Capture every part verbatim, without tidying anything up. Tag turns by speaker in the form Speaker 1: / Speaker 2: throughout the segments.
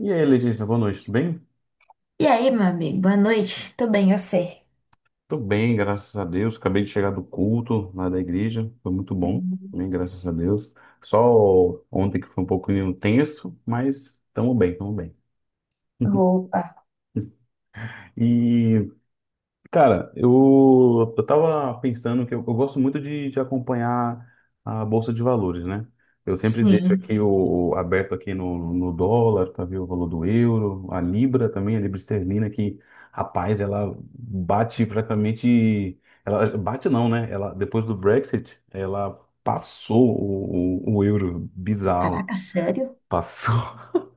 Speaker 1: E aí, Letícia, boa noite, tudo bem?
Speaker 2: E aí, meu amigo, boa noite. Tô bem, eu sei.
Speaker 1: Tô bem, graças a Deus. Acabei de chegar do culto lá da igreja, foi muito bom, bem, graças a Deus. Só ontem que foi um pouquinho tenso, mas estamos bem, estamos bem.
Speaker 2: Roupa.
Speaker 1: E cara, eu, eu tava pensando que eu, eu gosto muito de, de acompanhar a Bolsa de Valores, né? Eu sempre deixo
Speaker 2: Sim.
Speaker 1: aqui o, o- aberto aqui no, no dólar para ver o valor do euro, a Libra também, a Libra esterlina, que, rapaz, ela bate praticamente. Ela bate não, né? Ela, depois do Brexit, ela passou o, o, o euro. Bizarro.
Speaker 2: Caraca, sério?
Speaker 1: Passou.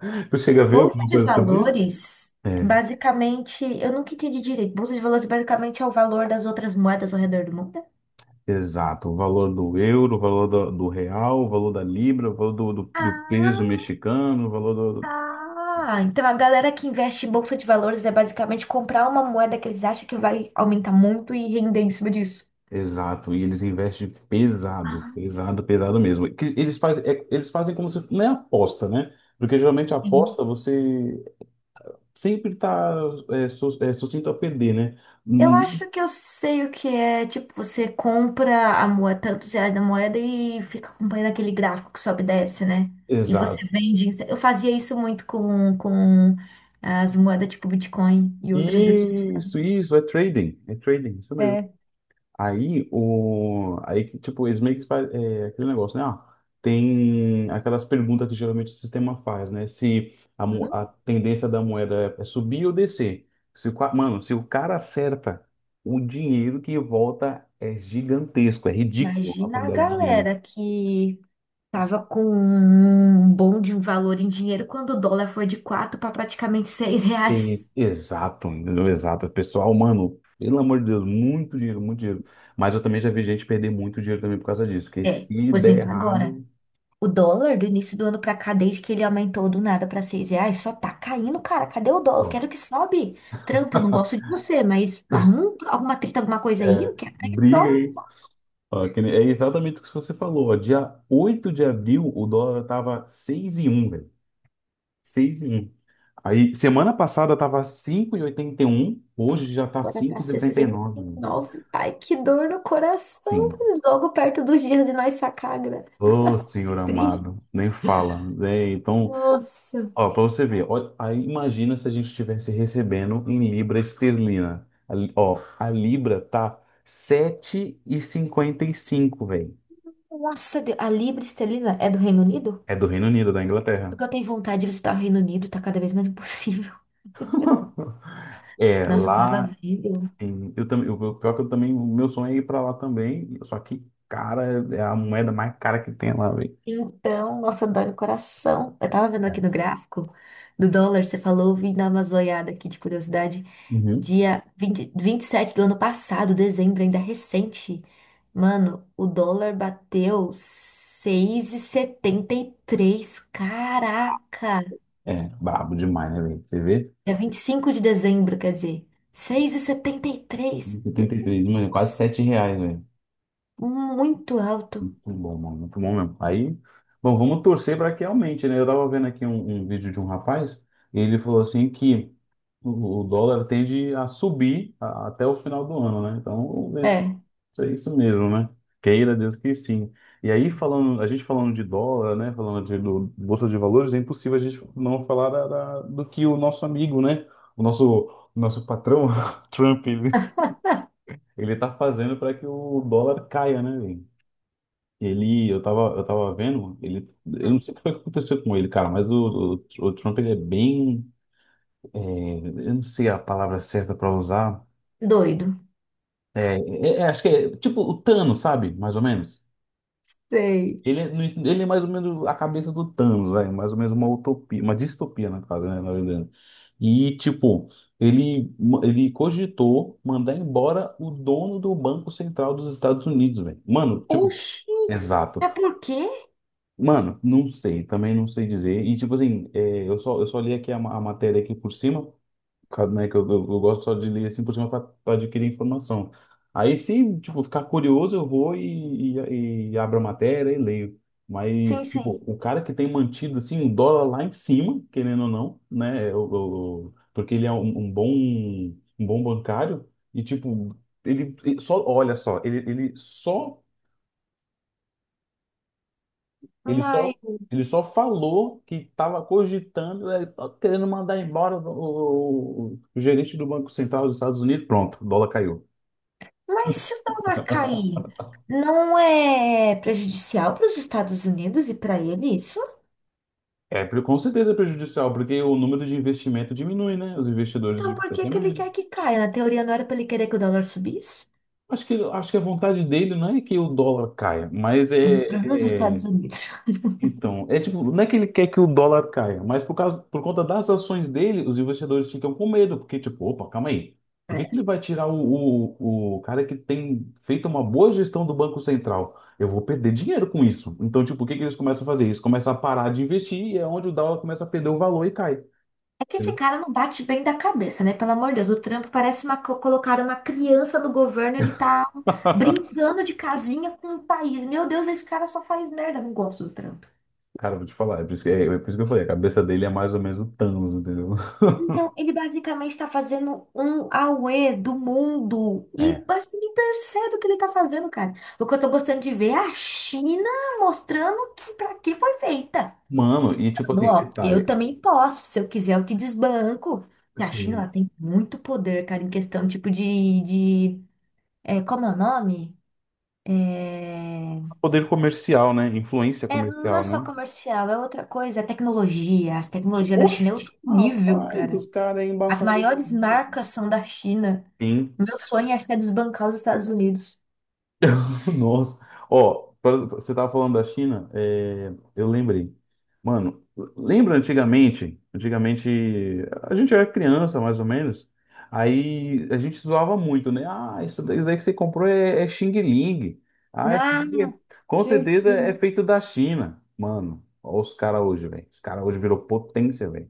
Speaker 1: Tu chega a ver
Speaker 2: Bolsa
Speaker 1: alguma
Speaker 2: de
Speaker 1: coisa sobre isso?
Speaker 2: valores,
Speaker 1: É.
Speaker 2: basicamente, eu nunca entendi direito. Bolsa de valores basicamente é o valor das outras moedas ao redor do mundo?
Speaker 1: Exato, o valor do euro, o valor do, do real, o valor da libra, o valor do, do, do peso
Speaker 2: Ah,
Speaker 1: mexicano, o valor do... do-
Speaker 2: ah. Então a galera que investe em bolsa de valores é basicamente comprar uma moeda que eles acham que vai aumentar muito e render em cima disso.
Speaker 1: Exato, e eles investem pesado,
Speaker 2: Ah,
Speaker 1: pesado, pesado mesmo. Que eles fazem, é- eles fazem como se... Não é aposta, né? Porque geralmente a
Speaker 2: sim.
Speaker 1: aposta você sempre está é, su- é, sucinto a perder, né?
Speaker 2: Eu
Speaker 1: Hum.
Speaker 2: acho que eu sei o que é. Tipo, você compra a moeda, tantos reais da moeda e fica acompanhando aquele gráfico que sobe e desce, né? E você
Speaker 1: Exato.
Speaker 2: vende. Eu fazia isso muito com, com as moedas tipo Bitcoin e outras do tipo, sabe?
Speaker 1: Isso, isso, é trading, é trading, isso mesmo.
Speaker 2: É.
Speaker 1: Aí, o... aí, que, tipo, eles meio que fazem é, aquele negócio, né? Ah, tem aquelas perguntas que geralmente o sistema faz, né? Se a, mo-
Speaker 2: Hã?
Speaker 1: a tendência da moeda é é subir ou descer. Se o... ca- mano, se o cara acerta, o dinheiro que volta é gigantesco, é ridículo a
Speaker 2: Imagina a
Speaker 1: quantidade de dinheiro.
Speaker 2: galera que tava com um bom de um valor em dinheiro quando o dólar foi de quatro para praticamente seis reais.
Speaker 1: Sim, exato, entendeu? Exato. Pessoal, mano, pelo amor de Deus, muito dinheiro, muito dinheiro. Mas eu também já vi gente perder muito dinheiro também por causa disso, porque
Speaker 2: É,
Speaker 1: se
Speaker 2: por
Speaker 1: der
Speaker 2: exemplo, agora.
Speaker 1: errado.
Speaker 2: O dólar do início do ano pra cá, desde que ele aumentou do nada pra seis reais, só tá caindo, cara. Cadê o dólar? Eu
Speaker 1: Pô.
Speaker 2: quero que sobe. Tranca, eu não gosto de você, mas arruma um- alguma treta, alguma coisa aí.
Speaker 1: É,
Speaker 2: Eu quero ganhar
Speaker 1: briga aí.
Speaker 2: dólar.
Speaker 1: Ó, que nem- é exatamente o que você falou. Ó, dia oito de abril, o dólar tava seis vírgula um, velho. Seis e um. Aí, semana passada tava cinco e e oitenta e um. Hoje já tá
Speaker 2: Agora tá sessenta
Speaker 1: cinco vírgula sessenta e nove,
Speaker 2: e
Speaker 1: velho.
Speaker 2: nove. Ai, que dor no coração.
Speaker 1: Sim.
Speaker 2: Logo perto dos dias de nós sacar a graça.
Speaker 1: Ô, senhor
Speaker 2: Que triste.
Speaker 1: amado. Nem fala, né? Então,
Speaker 2: Nossa.
Speaker 1: ó, para você ver. Ó, aí, imagina se a gente estivesse recebendo em libra esterlina. A, li- ó, a libra tá sete e e cinquenta e cinco, velho.
Speaker 2: Nossa, Deus. A libra esterlina é do Reino Unido?
Speaker 1: É do Reino Unido, da Inglaterra.
Speaker 2: Porque eu tenho vontade de visitar o Reino Unido, tá cada vez mais impossível.
Speaker 1: É,
Speaker 2: Nossa, eu tava
Speaker 1: lá,
Speaker 2: vendo.
Speaker 1: em- eu também, o pior que eu também, o meu sonho é ir pra lá também, só que, cara, é a moeda mais cara que tem lá, velho.
Speaker 2: Então, nossa, dói no coração. Eu tava vendo aqui
Speaker 1: É.
Speaker 2: no gráfico do dólar, você falou, vim dar uma zoiada aqui de curiosidade.
Speaker 1: Uhum.
Speaker 2: Dia vinte vinte e sete do ano passado, dezembro, ainda recente. Mano, o dólar bateu seis e setenta e três. Caraca!
Speaker 1: É, brabo demais, né, velho? Você vê?
Speaker 2: É vinte e cinco de dezembro, quer dizer, seis vírgula setenta e três.
Speaker 1: Setenta e três, mano, é quase
Speaker 2: Nossa,
Speaker 1: sete reais.
Speaker 2: muito alto.
Speaker 1: Muito bom, mano, muito bom mesmo. Aí, bom, vamos torcer para que aumente, né? Eu tava vendo aqui um, um vídeo de um rapaz, e ele falou assim que o, o dólar tende a subir a- até o final do ano, né? Então, vamos ver se
Speaker 2: É,
Speaker 1: se é isso mesmo, né? Queira Deus que sim. E aí, falando, a gente falando de dólar, né? Falando de do, bolsa de valores, é impossível a gente não falar da, da- do que o nosso amigo, né? O nosso, nosso patrão, Trump, ele, ele tá fazendo para que o dólar caia, né, velho? Ele, eu tava, eu tava vendo, ele, eu não sei o que foi que aconteceu com ele, cara, mas o, o, o Trump, ele é bem, é, eu não sei a palavra certa para usar,
Speaker 2: doido.
Speaker 1: é, é- é, acho que é tipo o Thanos, sabe, mais ou menos.
Speaker 2: Sei.
Speaker 1: Ele, é no- ele é mais ou menos a cabeça do Thanos, vai, mais ou menos uma utopia, uma distopia, na casa, né, na verdade. E, tipo, ele, ele cogitou mandar embora o dono do Banco Central dos Estados Unidos, velho. Mano, tipo,
Speaker 2: Oxi,
Speaker 1: exato.
Speaker 2: é por quê?
Speaker 1: Mano, não sei, também não sei dizer. E tipo assim, é, eu só, eu só li aqui a, ma- a matéria aqui por cima, por causa, né, que eu, eu, eu gosto só de ler assim por cima para adquirir informação. Aí se, tipo, ficar curioso, eu vou e, e, e abro a matéria e leio. Mas,
Speaker 2: Sim,
Speaker 1: tipo,
Speaker 2: sim.
Speaker 1: o cara que tem mantido, assim, o dólar lá em cima, querendo ou não, né, o- o- o- porque ele é um, um bom, um bom bancário e, tipo, ele, ele só, olha só, ele, ele só ele
Speaker 2: Mas,
Speaker 1: só, ele só falou que estava cogitando, eh, tá querendo mandar embora o, o- o gerente do Banco Central dos Estados Unidos. Pronto, o dólar caiu.
Speaker 2: mas se o dólar cair, não é prejudicial para os Estados Unidos e para ele isso?
Speaker 1: É, pre- com certeza é prejudicial, porque o número de investimento diminui, né? Os investidores de
Speaker 2: Então por que
Speaker 1: crescem.
Speaker 2: que ele quer que caia? Na teoria não era para ele querer que o dólar subisse?
Speaker 1: Acho que, acho que a vontade dele não é que o dólar caia, mas
Speaker 2: Ele trouxe os
Speaker 1: é, é,
Speaker 2: Estados Unidos.
Speaker 1: então, é tipo, não é que ele quer que o dólar caia, mas por causa, por conta das ações dele, os investidores ficam com medo, porque, tipo, opa, calma aí. Por que que
Speaker 2: É.
Speaker 1: ele vai tirar o, o, o cara que tem feito uma boa gestão do Banco Central? Eu vou perder dinheiro com isso. Então, tipo, o que que eles começam a fazer? Eles começam a parar de investir e é onde o dólar começa a perder o valor e cai.
Speaker 2: É que esse
Speaker 1: Entendeu?
Speaker 2: cara não bate bem da cabeça, né? Pelo amor de Deus, o Trump parece uma, co- colocaram uma criança no governo, ele tá brincando de casinha com o país. Meu Deus, esse cara só faz merda. Não gosto do Trump.
Speaker 1: Cara, eu vou te falar, é por isso que, é, é por isso que eu falei, a cabeça dele é mais ou menos o Thanos, entendeu?
Speaker 2: Então, ele basicamente está fazendo um auê do mundo. E
Speaker 1: É.
Speaker 2: acho que nem percebe o que ele está fazendo, cara. O que eu tô gostando de ver é a China mostrando que para que foi feita.
Speaker 1: Mano, e tipo
Speaker 2: Falando,
Speaker 1: assim,
Speaker 2: ó, eu
Speaker 1: detalhe,
Speaker 2: também posso. Se eu quiser, eu te desbanco. E a China, ela
Speaker 1: assim,
Speaker 2: tem muito poder, cara, em questão, tipo, de... de é, como é o nome? É...
Speaker 1: poder comercial, né? Influência
Speaker 2: é, não é
Speaker 1: comercial,
Speaker 2: só
Speaker 1: né?
Speaker 2: comercial, é outra coisa. É tecnologia. As tecnologias da China é
Speaker 1: Oxe,
Speaker 2: outro nível,
Speaker 1: rapaz,
Speaker 2: cara.
Speaker 1: os caras aí
Speaker 2: As
Speaker 1: embaçaram o
Speaker 2: maiores
Speaker 1: joguinho.
Speaker 2: marcas são da China.
Speaker 1: Sim.
Speaker 2: Meu sonho acho que é desbancar os Estados Unidos.
Speaker 1: Nossa. Ó, pra- você tava falando da China, é, eu lembrei. Mano, lembra antigamente? Antigamente, a gente era criança, mais ou menos. Aí a gente zoava muito, né? Ah, isso daí isso daí que você comprou é, é Xing Ling. Ah, isso
Speaker 2: Ah,
Speaker 1: daí é- com
Speaker 2: sim,
Speaker 1: certeza é
Speaker 2: sim.
Speaker 1: feito da China. Mano, ó os caras hoje, velho. Os caras hoje virou potência, velho.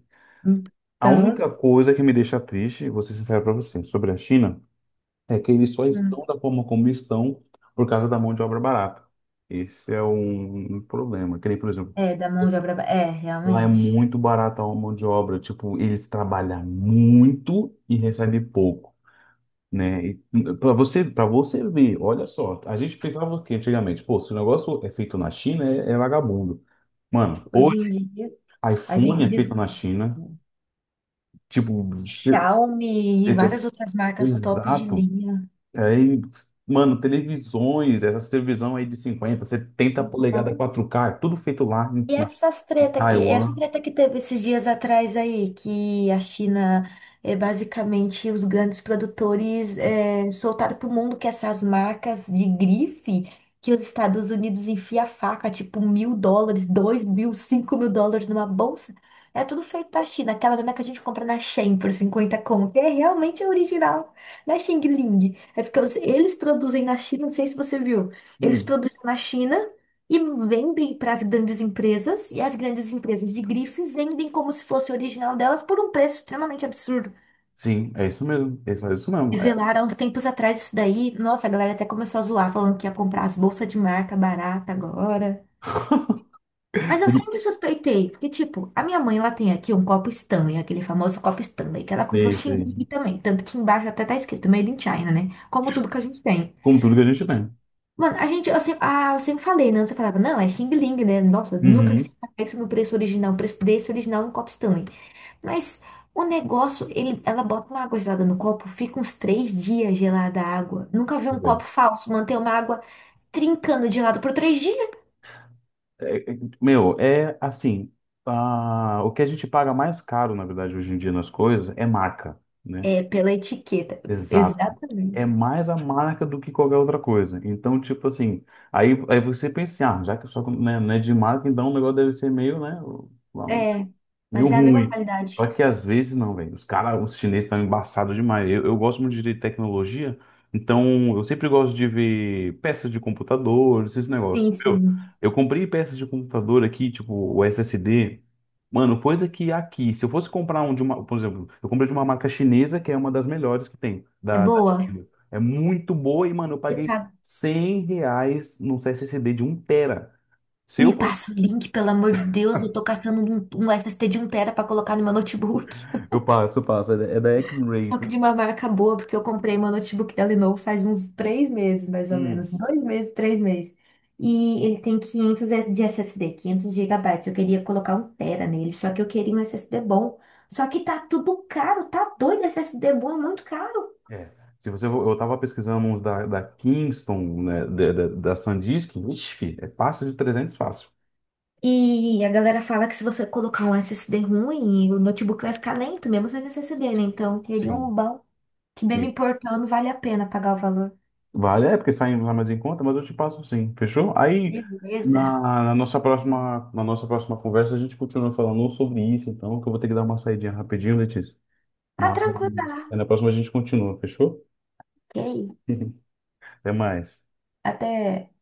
Speaker 1: A
Speaker 2: Então,
Speaker 1: única coisa que me deixa triste, vou ser sincero para você, sobre a China, é que eles só
Speaker 2: hum,
Speaker 1: estão da forma como estão por causa da mão de obra barata. Esse é um problema. Que nem, por exemplo,
Speaker 2: é, da mão de obra. Ba- é,
Speaker 1: lá é
Speaker 2: realmente.
Speaker 1: muito barata a mão de obra. Tipo, eles trabalham muito e recebem pouco, né? Para você, para você ver, olha só, a gente pensava o quê antigamente? Pô, se o negócio é feito na China, é, é vagabundo. Mano,
Speaker 2: Hoje em
Speaker 1: hoje,
Speaker 2: dia, a gente
Speaker 1: iPhone é
Speaker 2: diz
Speaker 1: feito na China. Tipo, você-
Speaker 2: Xiaomi e várias
Speaker 1: você-
Speaker 2: outras marcas top de
Speaker 1: exato.
Speaker 2: linha.
Speaker 1: Aí, mano, televisões, essas televisão aí de cinquenta, setenta polegadas
Speaker 2: Então,
Speaker 1: quatro k é tudo feito lá em-
Speaker 2: e
Speaker 1: na
Speaker 2: essas treta, e essa
Speaker 1: Taiwan.
Speaker 2: treta que teve esses dias atrás aí, que a China é basicamente os grandes produtores é, soltaram pro mundo que essas marcas de grife que os Estados Unidos enfia a faca, tipo mil dólares, dois mil, cinco mil dólares numa bolsa, é tudo feito da China, aquela mesma que a gente compra na Shein por cinquenta conto, é realmente original, na Xing Ling. É porque os- eles produzem na China, não sei se você viu, eles
Speaker 1: Hum,
Speaker 2: produzem na China e vendem para as grandes empresas, e as grandes empresas de grife vendem como se fosse original delas por um preço extremamente absurdo.
Speaker 1: sim, é isso mesmo. É isso é isso mesmo. É
Speaker 2: Revelaram há uns tempos atrás isso daí. Nossa, a galera até começou a zoar, falando que ia comprar as bolsas de marca barata agora. Mas eu
Speaker 1: tudo,
Speaker 2: sempre suspeitei, porque, tipo, a minha mãe, ela tem aqui um copo Stanley, aquele famoso copo Stanley, que ela
Speaker 1: é
Speaker 2: comprou
Speaker 1: isso
Speaker 2: Xing
Speaker 1: aí.
Speaker 2: também. Tanto que embaixo até tá escrito Made in China, né? Como tudo que a gente tem.
Speaker 1: Com tudo que a gente tem.
Speaker 2: Mano, a gente, eu sempre, ah, eu sempre falei, né? Você falava, não, é Xing Ling, né? Nossa, nunca que
Speaker 1: Uhum.
Speaker 2: você pega isso no preço original, o preço desse original no copo Stanley. Mas o negócio, ele, ela bota uma água gelada no copo, fica uns três dias gelada a água. Nunca vi um copo falso manter uma água trincando de lado por três dias.
Speaker 1: É, é, meu, é assim, ah, o que a gente paga mais caro, na verdade, hoje em dia nas coisas é marca, né?
Speaker 2: É, pela etiqueta.
Speaker 1: Exato. É
Speaker 2: Exatamente.
Speaker 1: mais a marca do que qualquer outra coisa. Então, tipo assim, aí, aí você pensa, assim, ah, já que só, né, não é de marca, então o negócio deve ser meio, né?
Speaker 2: É,
Speaker 1: Meio
Speaker 2: mas é a mesma
Speaker 1: ruim.
Speaker 2: qualidade.
Speaker 1: Só que às vezes não, velho. Os caras, os chineses estão embaçados demais. Eu, eu gosto muito de tecnologia, então eu sempre gosto de ver peças de computador, esses
Speaker 2: Sim,
Speaker 1: negócios. Eu,
Speaker 2: sim.
Speaker 1: eu comprei peças de computador aqui, tipo o S S D. Mano, coisa que aqui, se eu fosse comprar um de uma, por exemplo, eu comprei de uma marca chinesa que é uma das melhores que tem,
Speaker 2: É
Speaker 1: da, da
Speaker 2: boa.
Speaker 1: China. É muito boa e, mano, eu
Speaker 2: Você
Speaker 1: paguei
Speaker 2: tá-
Speaker 1: cem reais num S S D de um tera. Se eu
Speaker 2: Me
Speaker 1: fosse.
Speaker 2: passa o link, pelo amor de Deus. Eu tô caçando um, um S S D de um tera pra colocar no meu notebook.
Speaker 1: Eu passo, eu passo. É da é da X-Ray.
Speaker 2: Só que de uma marca boa, porque eu comprei meu notebook da Lenovo faz uns três meses, mais ou menos. Dois meses, três meses. E ele tem quinhentos de S S D, quinhentos gigabytes. Eu queria colocar um tera nele, só que eu queria um S S D bom. Só que tá tudo caro, tá doido. S S D bom é muito caro.
Speaker 1: É. Se você, eu estava pesquisando uns da, da Kingston, né, da, da, da Sandisk, ixi, fi, é passa de trezentos fácil.
Speaker 2: E a galera fala que se você colocar um S S D ruim, o notebook vai ficar lento, mesmo sem S S D, né? Então, eu queria um
Speaker 1: Sim.
Speaker 2: bom, que bem me
Speaker 1: Sim.
Speaker 2: importando, vale a pena pagar o valor.
Speaker 1: Vale, é porque saem lá mais em conta, mas eu te passo sim, fechou? Aí, na,
Speaker 2: Beleza.
Speaker 1: na nossa próxima, na nossa próxima conversa, a gente continua falando sobre isso, então, que eu vou ter que dar uma saidinha rapidinho, Letícia.
Speaker 2: Ah,
Speaker 1: Mas
Speaker 2: tranquila.
Speaker 1: na próxima a gente continua, fechou?
Speaker 2: Ok.
Speaker 1: Até mais.
Speaker 2: Até.